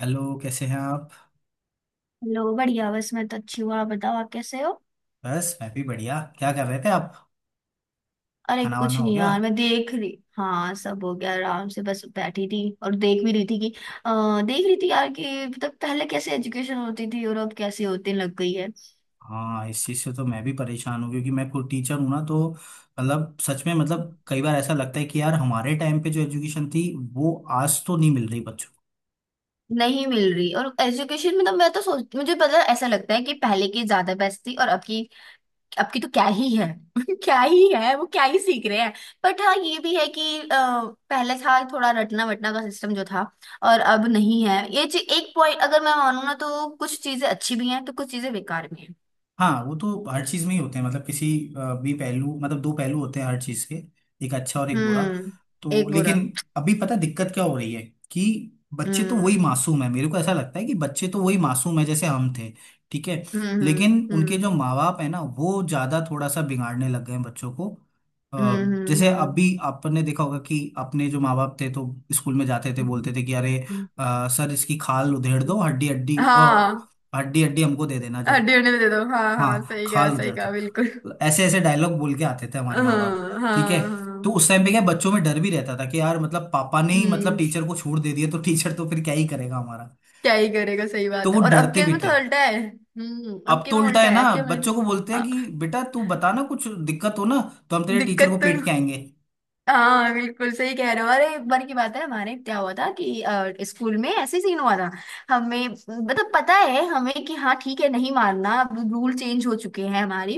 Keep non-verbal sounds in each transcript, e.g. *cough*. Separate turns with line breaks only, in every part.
Hello, कैसे हैं आप।
लो बढ़िया। बस मैं तो अच्छी हूँ, आप बताओ आप कैसे हो।
बस मैं भी बढ़िया, क्या कर रहे थे आप?
अरे
खाना
कुछ
वाना हो
नहीं
गया?
यार, मैं देख रही। हाँ सब हो गया आराम से, बस बैठी थी और देख भी रही थी कि देख रही थी यार कि मतलब पहले कैसे एजुकेशन होती थी और अब कैसे होती लग गई है।
हाँ, इस चीज़ से तो मैं भी परेशान हूँ क्योंकि मैं खुद टीचर हूँ ना, तो मतलब सच में, मतलब कई बार ऐसा लगता है कि यार हमारे टाइम पे जो एजुकेशन थी वो आज तो नहीं मिल रही बच्चों को।
नहीं मिल रही, और एजुकेशन मतलब मैं तो सोच मुझे पता ऐसा लगता है कि पहले की ज्यादा बेस्ट थी और अब की। अब की तो क्या ही है। *laughs* क्या ही है, वो क्या ही सीख रहे हैं। बट हाँ ये भी है कि पहले था थोड़ा रटना वटना का सिस्टम जो था, और अब नहीं है ये चीज। एक पॉइंट अगर मैं मानूँ ना, तो कुछ चीजें अच्छी भी हैं तो कुछ चीजें बेकार भी हैं।
हाँ वो तो हर चीज़ में ही होते हैं, मतलब किसी भी पहलू, मतलब दो पहलू होते हैं हर चीज़ के, एक अच्छा और एक बुरा।
हम्म।
तो
एक बुरा।
लेकिन अभी पता है दिक्कत क्या हो रही है कि बच्चे तो वही
हम्म
मासूम है, मेरे को ऐसा लगता है कि बच्चे तो वही मासूम है जैसे हम थे। ठीक है। लेकिन
हम्म।
उनके जो माँ बाप है ना वो ज्यादा थोड़ा सा बिगाड़ने लग गए हैं बच्चों को।
हम्म।
अ, जैसे
हम्म,
अभी आपने देखा होगा कि अपने जो माँ बाप थे तो स्कूल में जाते थे,
हम्म,
बोलते थे कि अरे
हम्म।
सर इसकी खाल उधेड़ दो, हड्डी हड्डी
हाँ।
हड्डी हड्डी हमको दे देना जब।
हड्डी उन्हें दे दो, हाँ हाँ,
हाँ
सही कहा
खाल
सही
उधेड़ दो।
कहा, बिल्कुल।
तो ऐसे ऐसे डायलॉग बोल के आते थे
हाँ
हमारे माँ बाप। ठीक है।
हाँ
तो
हाँ,
उस टाइम पे क्या बच्चों में डर भी रहता था कि यार, मतलब पापा ने ही, मतलब
हम्म।
टीचर को छोड़ दे दिया तो टीचर तो फिर क्या ही करेगा हमारा।
क्या ही करेगा, सही
तो
बात है।
वो
और अब
डरते
के
भी
में तो
थे।
उल्टा है। हम्म, अब
अब
के
तो
में
उल्टा
उल्टा
है
है,
ना।
अब के में।
बच्चों को बोलते हैं
हाँ।
कि बेटा तू बता ना, कुछ दिक्कत हो ना तो हम तेरे टीचर
दिक्कत
को
तो।
पीट के आएंगे।
हाँ बिल्कुल सही कह रहे हो। अरे एक बार की बात है, हमारे क्या हुआ था कि स्कूल में ऐसे ही सीन हुआ था। हमें मतलब पता है हमें कि हाँ ठीक है नहीं मारना, अब रूल चेंज हो चुके हैं हमारी।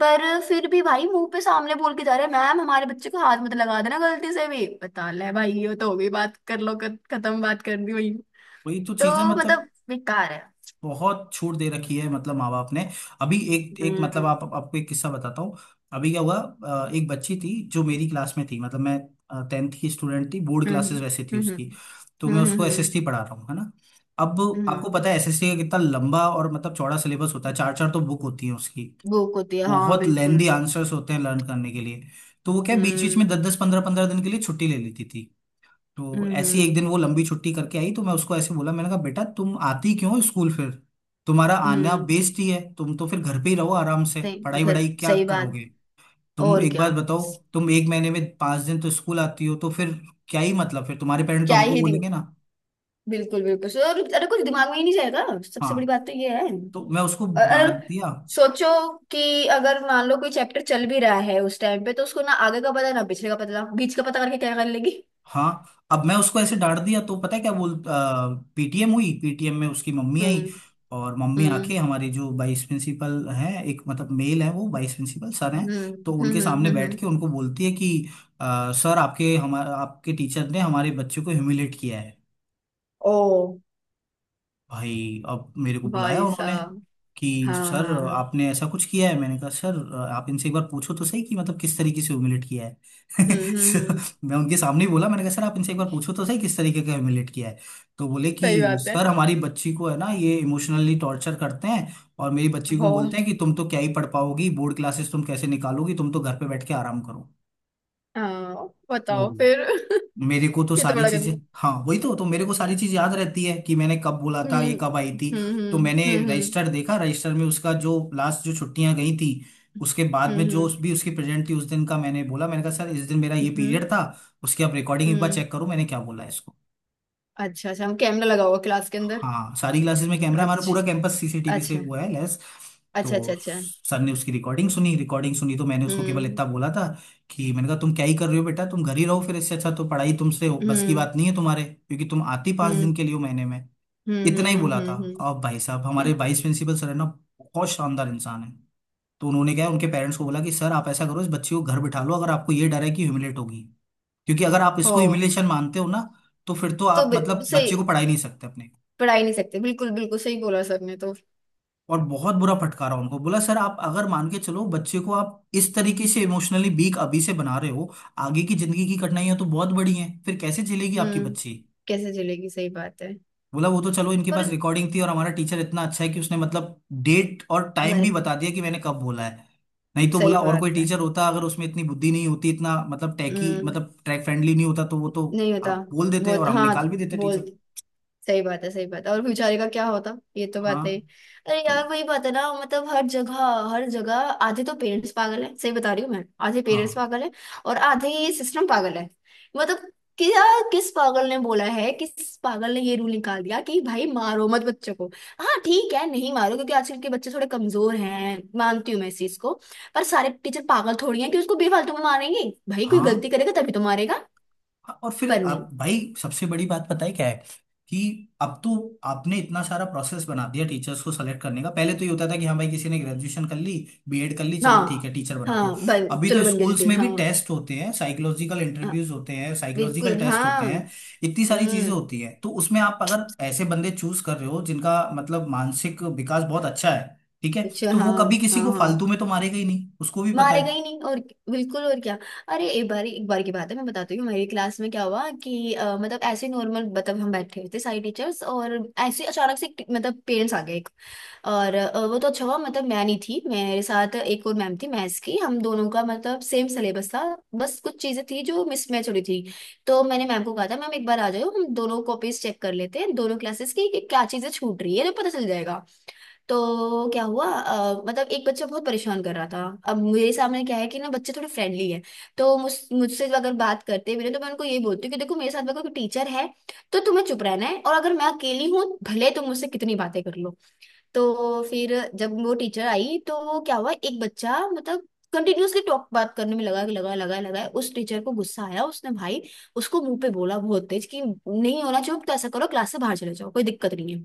पर फिर भी भाई मुंह पे सामने बोल के जा रहे हैं, मैम हमारे बच्चे को हाथ मत लगा देना गलती से भी। बता ले भाई, ये तो हो गई बात। कर लो खत्म, बात कर दी वही।
वही तो चीजें,
तो
मतलब
मतलब बेकार है।
बहुत छूट दे रखी है, मतलब माँ बाप ने। अभी एक एक, मतलब
हम्म
आप आपको एक किस्सा बताता हूँ। अभी क्या हुआ, एक बच्ची थी जो मेरी क्लास में थी, मतलब मैं टेंथ की स्टूडेंट थी, बोर्ड
हम्म
क्लासेस वैसे थी
हम्म।
उसकी। तो
हम्म
मैं
हम्म
उसको
हम्म,
एसएसटी पढ़ा रहा हूँ है ना। अब
हम्म,
आपको
हम्म।
पता है एसएसटी का कितना लंबा और मतलब चौड़ा सिलेबस होता है, चार चार तो बुक होती है उसकी।
भूख होती है, हाँ
बहुत लेंदी
बिल्कुल।
आंसर्स होते हैं लर्न करने के लिए। तो वो क्या, बीच बीच में
हम्म
दस दस पंद्रह पंद्रह दिन के लिए छुट्टी ले लेती थी। तो
हम्म
ऐसी एक दिन
हम्म
वो लंबी छुट्टी करके आई तो मैं उसको ऐसे बोला, मैंने कहा बेटा तुम आती क्यों हो स्कूल फिर, तुम्हारा आना
हम्म,
बेइज्जती है, तुम तो फिर घर पे ही रहो आराम से,
सही
पढ़ाई
घर
वढ़ाई क्या
सही बात।
करोगे। तुम
और
एक
क्या।
बात बताओ, तुम एक महीने में 5 दिन तो स्कूल आती हो, तो फिर क्या ही, मतलब फिर तुम्हारे पेरेंट्स तो
क्या
हमको
ही दिन।
बोलेंगे ना।
बिल्कुल बिल्कुल और अरे कुछ दिमाग में ही नहीं जाएगा,
हाँ,
सबसे बड़ी बात तो ये है।
तो मैं उसको
और
डांट
और।
दिया।
सोचो कि अगर मान लो कोई चैप्टर चल भी रहा है उस टाइम पे, तो उसको ना आगे का पता ना पिछले का पता बीच का पता, करके क्या कर लेगी।
हाँ अब मैं उसको ऐसे डांट दिया तो पता है क्या बोल, पीटीएम हुई, पीटीएम में उसकी मम्मी आई।
हम्म
और मम्मी आके
हम्म
हमारे जो वाइस प्रिंसिपल हैं, एक मतलब मेल है, वो वाइस प्रिंसिपल सर हैं,
हम्म
तो
हम्म।
उनके सामने बैठ के उनको बोलती है कि सर आपके, हमारे आपके टीचर ने हमारे बच्चे को ह्यूमिलेट किया है।
ओ।
भाई अब मेरे को बुलाया
भाई
उन्होंने
साहब।
कि
हाँ हाँ
सर
हाँ।
आपने ऐसा कुछ किया है, मैंने कहा सर आप इनसे एक बार पूछो तो सही कि मतलब किस तरीके से ह्यूमिलेट किया है। *laughs*
हम्म हम्म
So,
हम्म,
मैं उनके सामने ही बोला, मैंने कहा सर आप इनसे एक बार पूछो तो सही किस तरीके का ह्यूमिलेट किया है। तो बोले कि
सही बात है।
सर हमारी बच्ची को है ना, ये इमोशनली टॉर्चर करते हैं और मेरी बच्ची को
हो।
बोलते हैं कि तुम तो क्या ही पढ़ पाओगी, बोर्ड क्लासेस तुम कैसे निकालोगी, तुम तो घर पे बैठ के आराम
हाँ बताओ फिर।
करो। मेरे को तो
*laughs* ये तो
सारी
बड़ा
चीजें,
गंदा।
हाँ वही तो मेरे को सारी चीज याद रहती है कि मैंने कब बोला था,
हम्म
ये कब आई थी। तो मैंने
हम्म।
रजिस्टर देखा, रजिस्टर में उसका जो लास्ट जो छुट्टियां गई थी उसके बाद
हम्म
में जो,
हम्म
उस भी उसकी प्रेजेंट थी उस दिन का, मैंने बोला, मैंने कहा सर इस दिन मेरा ये
हम्म, हम्म।
पीरियड था, उसकी आप रिकॉर्डिंग एक बार
हम्म।
चेक करो मैंने क्या बोला है।
अच्छा अच्छा, हम कैमरा लगा हुआ क्लास के अंदर।
हाँ सारी क्लासेस में कैमरा, हमारा पूरा
अच्छा
कैंपस सीसीटीवी से
अच्छा
हुआ है लेस।
अच्छा। अच्छा।
तो
अच्छा।
सर ने उसकी रिकॉर्डिंग सुनी, रिकॉर्डिंग सुनी तो मैंने उसको केवल
हम्म
इतना बोला था कि मैंने कहा तुम क्या ही कर रहे हो बेटा, तुम घर ही रहो फिर, इससे अच्छा तो पढ़ाई तुमसे बस की
हम्म
बात नहीं है तुम्हारे, क्योंकि तुम आती पाँच
हम्म
दिन के लिए हो महीने में। इतना ही बोला था।
हम्म।
अब भाई साहब हमारे
हम्म।
वाइस प्रिंसिपल सर है ना, बहुत शानदार इंसान है, तो उन्होंने क्या है, उनके पेरेंट्स को बोला कि सर आप ऐसा करो, इस बच्ची को घर बिठा लो अगर आपको ये डर है कि ह्यूमिलेट होगी, क्योंकि अगर आप
हो।
इसको ह्यूमिलेशन मानते हो ना तो फिर तो आप मतलब
सही।
बच्चे को पढ़ा ही नहीं सकते अपने।
पढ़ा ही नहीं सकते, बिल्कुल बिल्कुल सही बोला सर ने तो।
और बहुत बुरा फटकारा उनको, बोला सर आप अगर मान के चलो, बच्चे को आप इस तरीके से इमोशनली वीक अभी से बना रहे हो, आगे की जिंदगी की कठिनाइयां तो बहुत बड़ी हैं, फिर कैसे चलेगी आपकी
हम्म।
बच्ची।
कैसे चलेगी, सही बात है।
बोला वो तो चलो, इनके
और।
पास रिकॉर्डिंग थी और हमारा टीचर इतना अच्छा है कि उसने मतलब डेट और टाइम भी
बल-
बता दिया कि मैंने कब बोला है। नहीं तो
सही
बोला और कोई
बात है।
टीचर होता, अगर उसमें इतनी बुद्धि नहीं होती, इतना मतलब टैकी,
हम्म।
मतलब ट्रैक फ्रेंडली नहीं होता तो वो तो
नहीं होता।
आप बोल देते और हम
हाँ।
निकाल भी देते
बोल।
टीचर।
सही बात है, सही बात है। और बेचारे का क्या होता। ये तो
हाँ,
बात है ही। अरे
तो
यार वही बात है ना, मतलब हर जगह। हर जगह। आधे तो पेरेंट्स पागल है, सही बता रही हूँ मैं, आधे पेरेंट्स
हाँ
पागल है। और आधे ये सिस्टम पागल है। मतलब क्या। किस पागल ने बोला है, किस पागल ने ये रूल निकाल दिया कि भाई मारो मत बच्चों को। हाँ ठीक है नहीं मारो, क्योंकि आजकल के बच्चे थोड़े कमजोर हैं, मानती हूँ मैं इस चीज को। पर सारे टीचर पागल थोड़ी हैं कि उसको बेफालतू में मारेंगे। भाई कोई
हाँ
गलती करेगा तभी तो मारेगा।
हाँ, और
पर
फिर
नहीं।
आप भाई सबसे बड़ी बात पता है क्या है कि अब तो आपने इतना सारा प्रोसेस बना दिया टीचर्स को सेलेक्ट करने का, पहले तो ये होता था कि हाँ भाई किसी ने ग्रेजुएशन कर ली, बीएड कर ली, चलो ठीक
हाँ।
है टीचर बना दो।
हाँ बन,
अभी तो
चलो बन गया
स्कूल्स
जटिल,
में भी
हाँ।
टेस्ट होते हैं, साइकोलॉजिकल
हाँ
इंटरव्यूज होते हैं, साइकोलॉजिकल
बिल्कुल
टेस्ट होते
हाँ।
हैं, इतनी सारी चीजें
हम्म।
होती हैं, तो उसमें आप अगर ऐसे बंदे चूज कर रहे हो जिनका मतलब मानसिक विकास बहुत अच्छा है, ठीक है,
अच्छा
तो
हाँ।
वो कभी किसी
हाँ
को
हाँ।
फालतू में तो मारेगा ही नहीं, उसको भी पता
मारेगा
है।
ही नहीं, और। बिल्कुल, और क्या। अरे एक बार की बात है, मैं बताती हूँ हमारी क्लास में क्या हुआ। कि मतलब ऐसे नॉर्मल, मतलब हम बैठे थे सारी टीचर्स और ऐसे अचानक से मतलब पेरेंट्स आ गए एक। और वो तो अच्छा हुआ, मतलब मैं नहीं थी, मेरे साथ एक और मैम थी मैथ्स की, हम दोनों का मतलब सेम सिलेबस था। बस कुछ चीजें थी जो मिसमैच हो रही थी। तो मैंने मैम को कहा था मैम एक बार आ जाओ, हम दोनों कॉपीज चेक कर लेते हैं दोनों क्लासेस की, कि क्या चीजें छूट रही है तो पता चल जाएगा। तो क्या हुआ, मतलब एक बच्चा बहुत परेशान कर रहा था। अब मेरे सामने क्या है कि ना बच्चे थोड़े फ्रेंडली है। तो मुझसे अगर बात करते भी ना, तो मैं उनको ये बोलती हूँ कि देखो मेरे साथ में कोई टीचर है तो तुम्हें चुप रहना है, और अगर मैं अकेली हूँ भले तुम मुझसे कितनी बातें कर लो। तो फिर जब वो टीचर आई तो क्या हुआ, एक बच्चा मतलब कंटिन्यूअसली टॉक बात करने में लगा लगा लगा लगा, उस टीचर को गुस्सा आया। उसने भाई उसको मुंह पे बोला, बहुत तेज कि नहीं होना चाहिए, तो ऐसा करो क्लास से बाहर चले जाओ कोई दिक्कत नहीं है।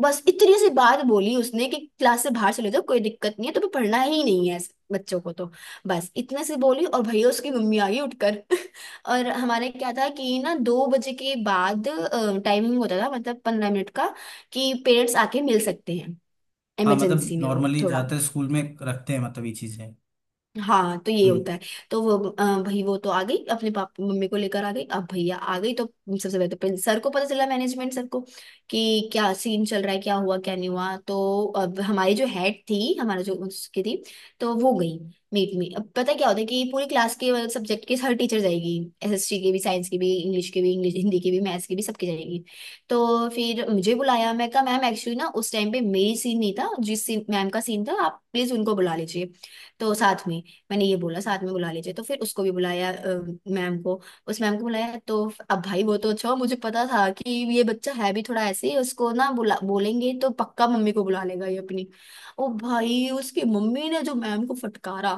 बस इतनी सी बात बोली उसने कि क्लास से बाहर चले जाओ कोई दिक्कत नहीं है, तुम्हें पढ़ना ही नहीं है इस बच्चों को तो। बस इतने से बोली, और भैया उसकी मम्मी आ गई उठकर। *laughs* और हमारे क्या था कि ना दो बजे के बाद टाइमिंग होता था, मतलब पंद्रह मिनट का, कि पेरेंट्स आके मिल सकते हैं
हाँ, मतलब
इमरजेंसी में, वो
नॉर्मली
थोड़ा।
जाते स्कूल में रखते हैं मतलब ये चीजें।
हाँ तो ये
हम्म।
होता है। तो वो भाई वो तो आ गई, अपने पापा मम्मी को लेकर आ गई। अब भैया आ गई तो सबसे पहले तो पहले सर को पता चला, मैनेजमेंट सर को, कि क्या सीन चल रहा है, क्या हुआ क्या नहीं हुआ। तो अब हमारी जो हेड थी, हमारा जो उसकी थी, तो वो गई मीट में। अब पता है क्या होता है कि पूरी क्लास के मतलब सब्जेक्ट के हर टीचर जाएगी। एसएसटी के भी, साइंस के भी, इंग्लिश के भी, इंग्लिश हिंदी के भी, मैथ्स के भी, सबके जाएगी। तो फिर मुझे बुलाया, मैं कहा मैम एक्चुअली ना उस टाइम पे मेरी सीन नहीं था, जिस सीन मैम का सीन था, आप प्लीज उनको बुला लीजिए, तो साथ में। मैंने ये बोला साथ में बुला लीजिए, तो फिर उसको भी बुलाया मैम को। उस मैम को बुलाया, तो अब भाई वो तो अच्छा हुआ, मुझे पता था कि ये बच्चा है भी थोड़ा ऐसे ही, उसको ना बुला बोलेंगे तो पक्का मम्मी को बुला लेगा ये अपनी। ओ भाई उसकी मम्मी ने जो मैम को फटकारा,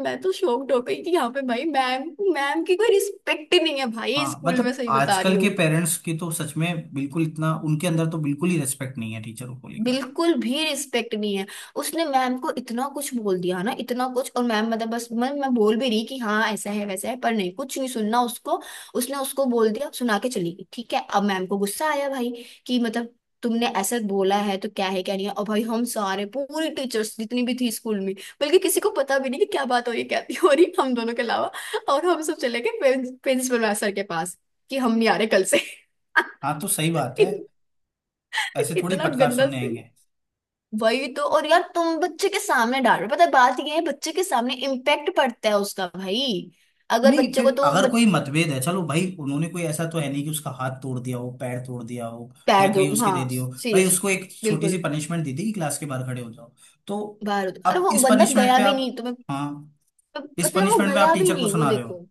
मैं तो शॉक्ड हो गई कि यहाँ पे भाई मैम, मैम की कोई रिस्पेक्ट ही नहीं है भाई
हाँ,
स्कूल में,
मतलब
सही बता रही
आजकल के
हूँ।
पेरेंट्स की तो सच में बिल्कुल इतना उनके अंदर तो बिल्कुल ही रेस्पेक्ट नहीं है टीचरों को लेकर।
बिल्कुल भी रिस्पेक्ट नहीं है। उसने मैम को इतना कुछ बोल दिया ना, इतना कुछ, और मैम मतलब बस मैं बोल भी रही कि हाँ ऐसा है वैसा है, पर नहीं कुछ नहीं सुनना उसको। उसने उसको बोल दिया सुना के चली गई। ठीक है अब मैम को गुस्सा आया भाई, कि मतलब तुमने ऐसा बोला है तो क्या है क्या नहीं है। और भाई हम सारे पूरी टीचर्स जितनी भी थी स्कूल में, बल्कि किसी को पता भी नहीं कि क्या बात हो रही है, क्या नहीं हो रही, हम दोनों के अलावा। और हम सब चले गए प्रिंसिपल सर के पास, कि हम नहीं आ रहे कल से।
हाँ तो सही बात
*laughs*
है,
इत,
ऐसे थोड़ी
इतना
फटकार
गंदा।
सुनने आएंगे।
वही तो, और यार तुम बच्चे के सामने डाल रहे हो, पता है बात ये है बच्चे के सामने इम्पैक्ट पड़ता है उसका भाई। अगर
नहीं,
बच्चे को
फिर
तो
अगर कोई मतभेद है, चलो भाई, उन्होंने कोई ऐसा तो है नहीं कि उसका हाथ तोड़ दिया हो, पैर तोड़ दिया हो
पैर
या
दो,
कहीं उसके दे
हाँ
दियो, भाई
सीरियस।
उसको एक छोटी सी
बिल्कुल।
पनिशमेंट दी थी कि क्लास के बाहर खड़े हो जाओ। तो
बाहर होता, अरे
अब
वो
इस
बंदा
पनिशमेंट
गया
पे
भी
आप,
नहीं तुम्हें।
हाँ, इस
पता है वो
पनिशमेंट पे आप
गया भी
टीचर को
नहीं, वो
सुना रहे
देखो।
हो।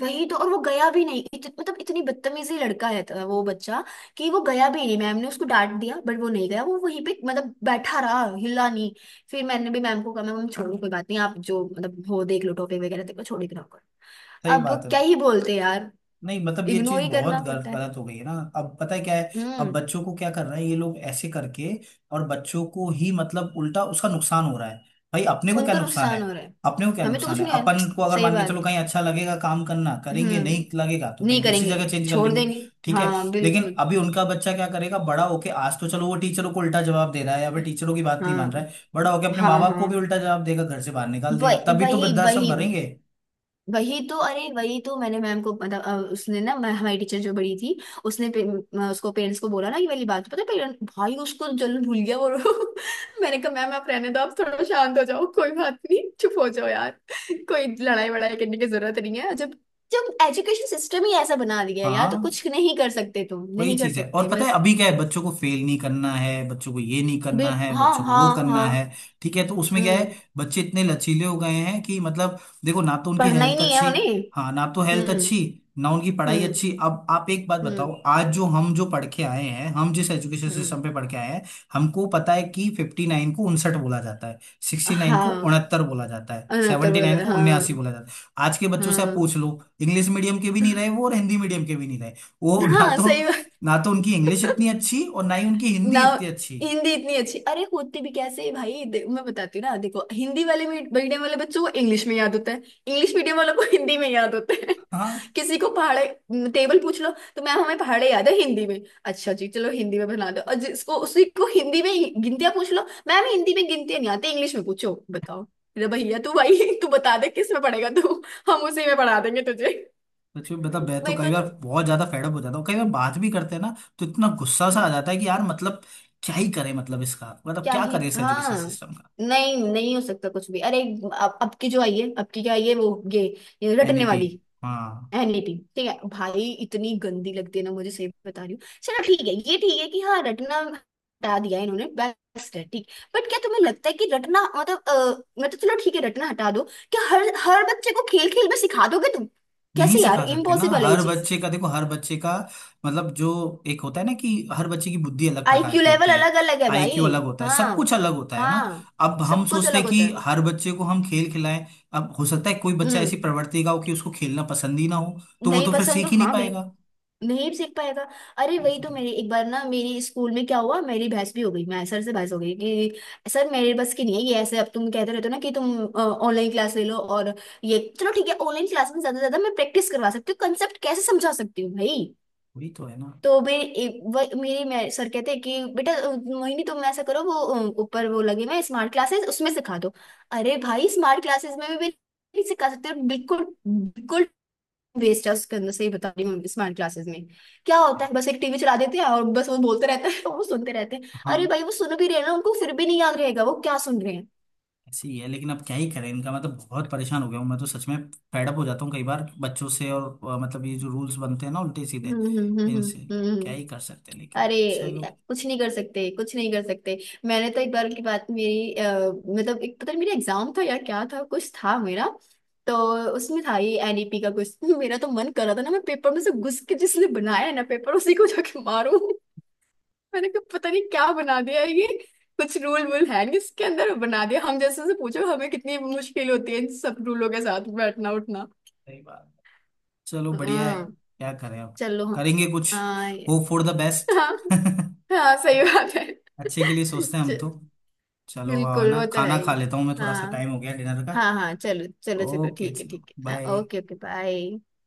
वही तो, और वो गया भी नहीं, मतलब इतनी बदतमीजी लड़का है तो वो बच्चा, कि वो गया भी नहीं। मैम ने उसको डांट दिया बट वो नहीं गया, वो वहीं पे मतलब बैठा रहा, हिला नहीं। फिर मैंने भी मैम को कहा मैम छोड़ो कोई बात नहीं, आप जो मतलब हो देख लो टॉपिक वगैरह, देखो छोड़ ही तो रहा।
सही बात
अब
है।
क्या ही बोलते यार।
नहीं मतलब ये
इग्नोर
चीज
ही
बहुत
करना पड़ता है।
गलत हो गई है ना, अब पता है क्या है, अब
हम्म।
बच्चों को क्या कर रहे हैं ये लोग ऐसे करके, और बच्चों को ही मतलब उल्टा उसका नुकसान हो रहा है। भाई अपने को क्या
उनको
नुकसान है,
नुकसान हो रहा है।
अपने को क्या
हमें तो
नुकसान
कुछ
है।
नहीं हो रहा।
अपन को
*sniffs*
अगर
सही
मान के
बात।
चलो, कहीं अच्छा लगेगा काम करना करेंगे, नहीं
हम्म।
लगेगा तो
नहीं
कहीं दूसरी
करेंगे।
जगह चेंज कर
छोड़
लेंगे।
देंगे।
ठीक है।
हाँ
लेकिन
बिल्कुल।
अभी उनका बच्चा क्या करेगा बड़ा होके? आज तो चलो वो टीचरों को उल्टा जवाब दे रहा है या फिर टीचरों की बात नहीं मान रहा
हाँ
है, बड़ा होके अपने माँ
हाँ
बाप को भी
हाँ।
उल्टा जवाब देगा, घर से बाहर निकाल देगा,
वही
तभी तो
वही
वृद्धाश्रम
वही।
भरेंगे।
वही तो, अरे वही तो मैंने मैम को पता, उसने ना हमारी टीचर जो बड़ी थी, उसने उसको पेरेंट्स को बोला ना ये वाली बात, पता पेरेंट भाई उसको जलन भूल गया वो। *laughs* मैंने कहा मैम आप रहने दो, आप थोड़ा शांत हो जाओ, कोई बात नहीं चुप हो जाओ यार, कोई लड़ाई वड़ाई करने की जरूरत नहीं है। जब जब एजुकेशन सिस्टम ही ऐसा बना दिया है यार, तो
हाँ
कुछ नहीं कर सकते, तुम
वही
नहीं कर
चीज है। और
सकते मैं।
पता है अभी क्या है, बच्चों को फेल नहीं करना है, बच्चों को ये नहीं करना
बिल,
है,
हाँ
बच्चों को
हाँ
वो करना है,
हाँ।
ठीक है तो उसमें क्या है,
हम्म।
बच्चे इतने लचीले हो गए हैं कि मतलब देखो, ना तो उनकी
पढ़ना ही
हेल्थ
नहीं है
अच्छी,
उन्हें।
हाँ ना तो हेल्थ
हम्म
अच्छी, ना उनकी पढ़ाई
हम्म
अच्छी। अब आप एक बात बताओ,
हम्म
आज जो हम जो पढ़ के आए हैं, हम जिस एजुकेशन
हम्म।
सिस्टम पे पढ़ के आए हैं, हमको पता है कि 59 को 59 बोला जाता है, 69 को
हाँ।
69 बोला जाता है,
अनहत्तर
79
बोला
को
था,
79
हाँ।
बोला जाता है, आज के बच्चों से आप
हम्म।
पूछ लो, इंग्लिश मीडियम के भी नहीं रहे वो और हिंदी मीडियम के भी नहीं रहे वो। ना
हाँ
तो,
सही बात।
ना तो उनकी इंग्लिश इतनी अच्छी और ना ही उनकी
ना।
हिंदी इतनी अच्छी।
हिंदी इतनी अच्छी, अरे होती भी कैसे है भाई, मैं बताती हूँ ना। देखो हिंदी वाले मीडियम वाले बच्चों को इंग्लिश में याद होता है, इंग्लिश मीडियम वालों को *laughs* हिंदी में याद होता है।
हाँ
*laughs* किसी को पहाड़े टेबल पूछ लो, तो मैम हमें पहाड़े याद है हिंदी में। अच्छा जी चलो हिंदी में बना दो, और जिसको उसी को हिंदी में गिनतियां पूछ लो, मैम हिंदी में गिनतियां नहीं आती इंग्लिश में पूछो बताओ। अरे भैया तू, भाई तू बता दे किस में पढ़ेगा तू, हम उसी में पढ़ा देंगे तुझे।
सच में बता, मैं तो
मेरे
कई
को
बार बहुत ज्यादा फेडअप हो जाता हूँ, कई बार बात भी करते हैं ना तो इतना गुस्सा सा आ
तो।
जाता है कि यार, मतलब क्या ही करें, मतलब इसका मतलब
क्या
क्या
ही
करें इस एजुकेशन
हाँ।
सिस्टम का।
नहीं नहीं हो सकता कुछ भी। अरे अब की जो आई है, अब की क्या आई है वो ये रटने
एनईपी।
वाली
हाँ
एनीटी, ठीक है भाई इतनी गंदी लगती है ना मुझे, सही बता रही हूँ। चलो ठीक है ये ठीक है कि हाँ रटना हटा दिया इन्होंने, बेस्ट है ठीक। बट क्या तुम्हें लगता है कि रटना मतलब मतलब चलो ठीक है रटना हटा दो, क्या हर हर बच्चे को खेल खेल में सिखा दोगे तुम।
नहीं
कैसे यार,
सिखा सकते ना,
इम्पॉसिबल है ये
हर
चीज।
बच्चे का देखो, हर बच्चे का मतलब जो, एक होता है ना कि हर बच्चे की बुद्धि अलग प्रकार
आईक्यू
की
लेवल
होती है,
अलग अलग है भाई।
आईक्यू अलग होता है,
हाँ।
सब कुछ अलग होता है ना।
हाँ।
अब हम
सब कुछ
सोचते
अलग
हैं
होता
कि
है।
हर बच्चे को हम खेल खिलाएं, अब हो सकता है कोई बच्चा ऐसी
हम्म।
प्रवृत्ति का हो कि उसको खेलना पसंद ही ना हो, तो वो
नहीं
तो फिर
पसंद तो
सीख ही नहीं
हाँ बिल्कुल।
पाएगा।
नहीं सीख पाएगा। अरे
वही
वही
तो
तो,
दिक्कत।
मेरी एक बार ना मेरी स्कूल में क्या हुआ, मेरी बहस भी हो गई, मैं सर से बहस हो गई कि सर मेरे बस की नहीं है ये ऐसे, अब तुम कहते रहते हो ना कि तुम ऑनलाइन क्लास ले लो। और ये चलो ठीक है ऑनलाइन क्लास में ज्यादा से ज्यादा मैं प्रैक्टिस करवा सकती हूँ, कंसेप्ट कैसे समझा सकती हूँ भाई।
वही तो है ना।
तो मेरे मेरे सर कहते हैं कि बेटा मोहिनी तुम ऐसा करो वो ऊपर वो लगे मैं स्मार्ट क्लासेस उसमें सिखा दो। अरे भाई स्मार्ट क्लासेस में भी नहीं सिखा सकते, बिल्कुल बिल्कुल। वेस्ट करने से ही, बता रही हूँ स्मार्ट क्लासेस में क्या होता है, बस एक टीवी चला देते हैं और बस वो बोलते रहते हैं *laughs* वो सुनते रहते हैं। अरे
हाँ
भाई वो सुन भी रहे हैं ना, उनको फिर भी नहीं याद रहेगा वो क्या सुन रहे हैं।
ऐसे ही है लेकिन अब क्या ही करें इनका, मतलब बहुत परेशान हो गया हूँ मैं तो सच में। फेडअप हो जाता हूँ कई बार बच्चों से और मतलब ये जो रूल्स बनते हैं ना, उल्टे सीधे
हम्म।
इनसे
हम्म।
क्या
हम्म।
ही कर सकते हैं, लेकिन
अरे
चलो।
कुछ नहीं कर सकते, कुछ नहीं कर सकते। मैंने तो एक बार की बात, मेरी मतलब एक पता नहीं मेरा एग्जाम था या क्या था कुछ था मेरा, तो उसमें था ये एनईपी का कुछ। *laughs* मेरा तो मन कर रहा था ना, मैं पेपर में से घुस के जिसने बनाया है ना पेपर उसी को जाके मारूं। मैंने कहा पता नहीं क्या बना दिया है ये, कुछ रूल वूल है नहीं इसके अंदर बना दिया। हम जैसे से पूछो हमें कितनी मुश्किल होती है इन सब रूलों के साथ बैठना उठना।
सही बात। चलो बढ़िया है।
हाँ।
क्या करें अब,
चलो।
करेंगे कुछ,
हाँ ये-।
Hope for the best.
हाँ
*laughs*
हाँ सही बात है।
अच्छे के लिए सोचते हैं हम
च-
तो। चलो है
बिल्कुल
ना,
वो तो है
खाना
ही।
खा लेता हूँ मैं, थोड़ा सा
हाँ।
टाइम हो गया डिनर का।
हाँ हाँ चलो चलो चलो,
ओके
ठीक है
चलो
ठीक है,
बाय।
Okay okay, bye.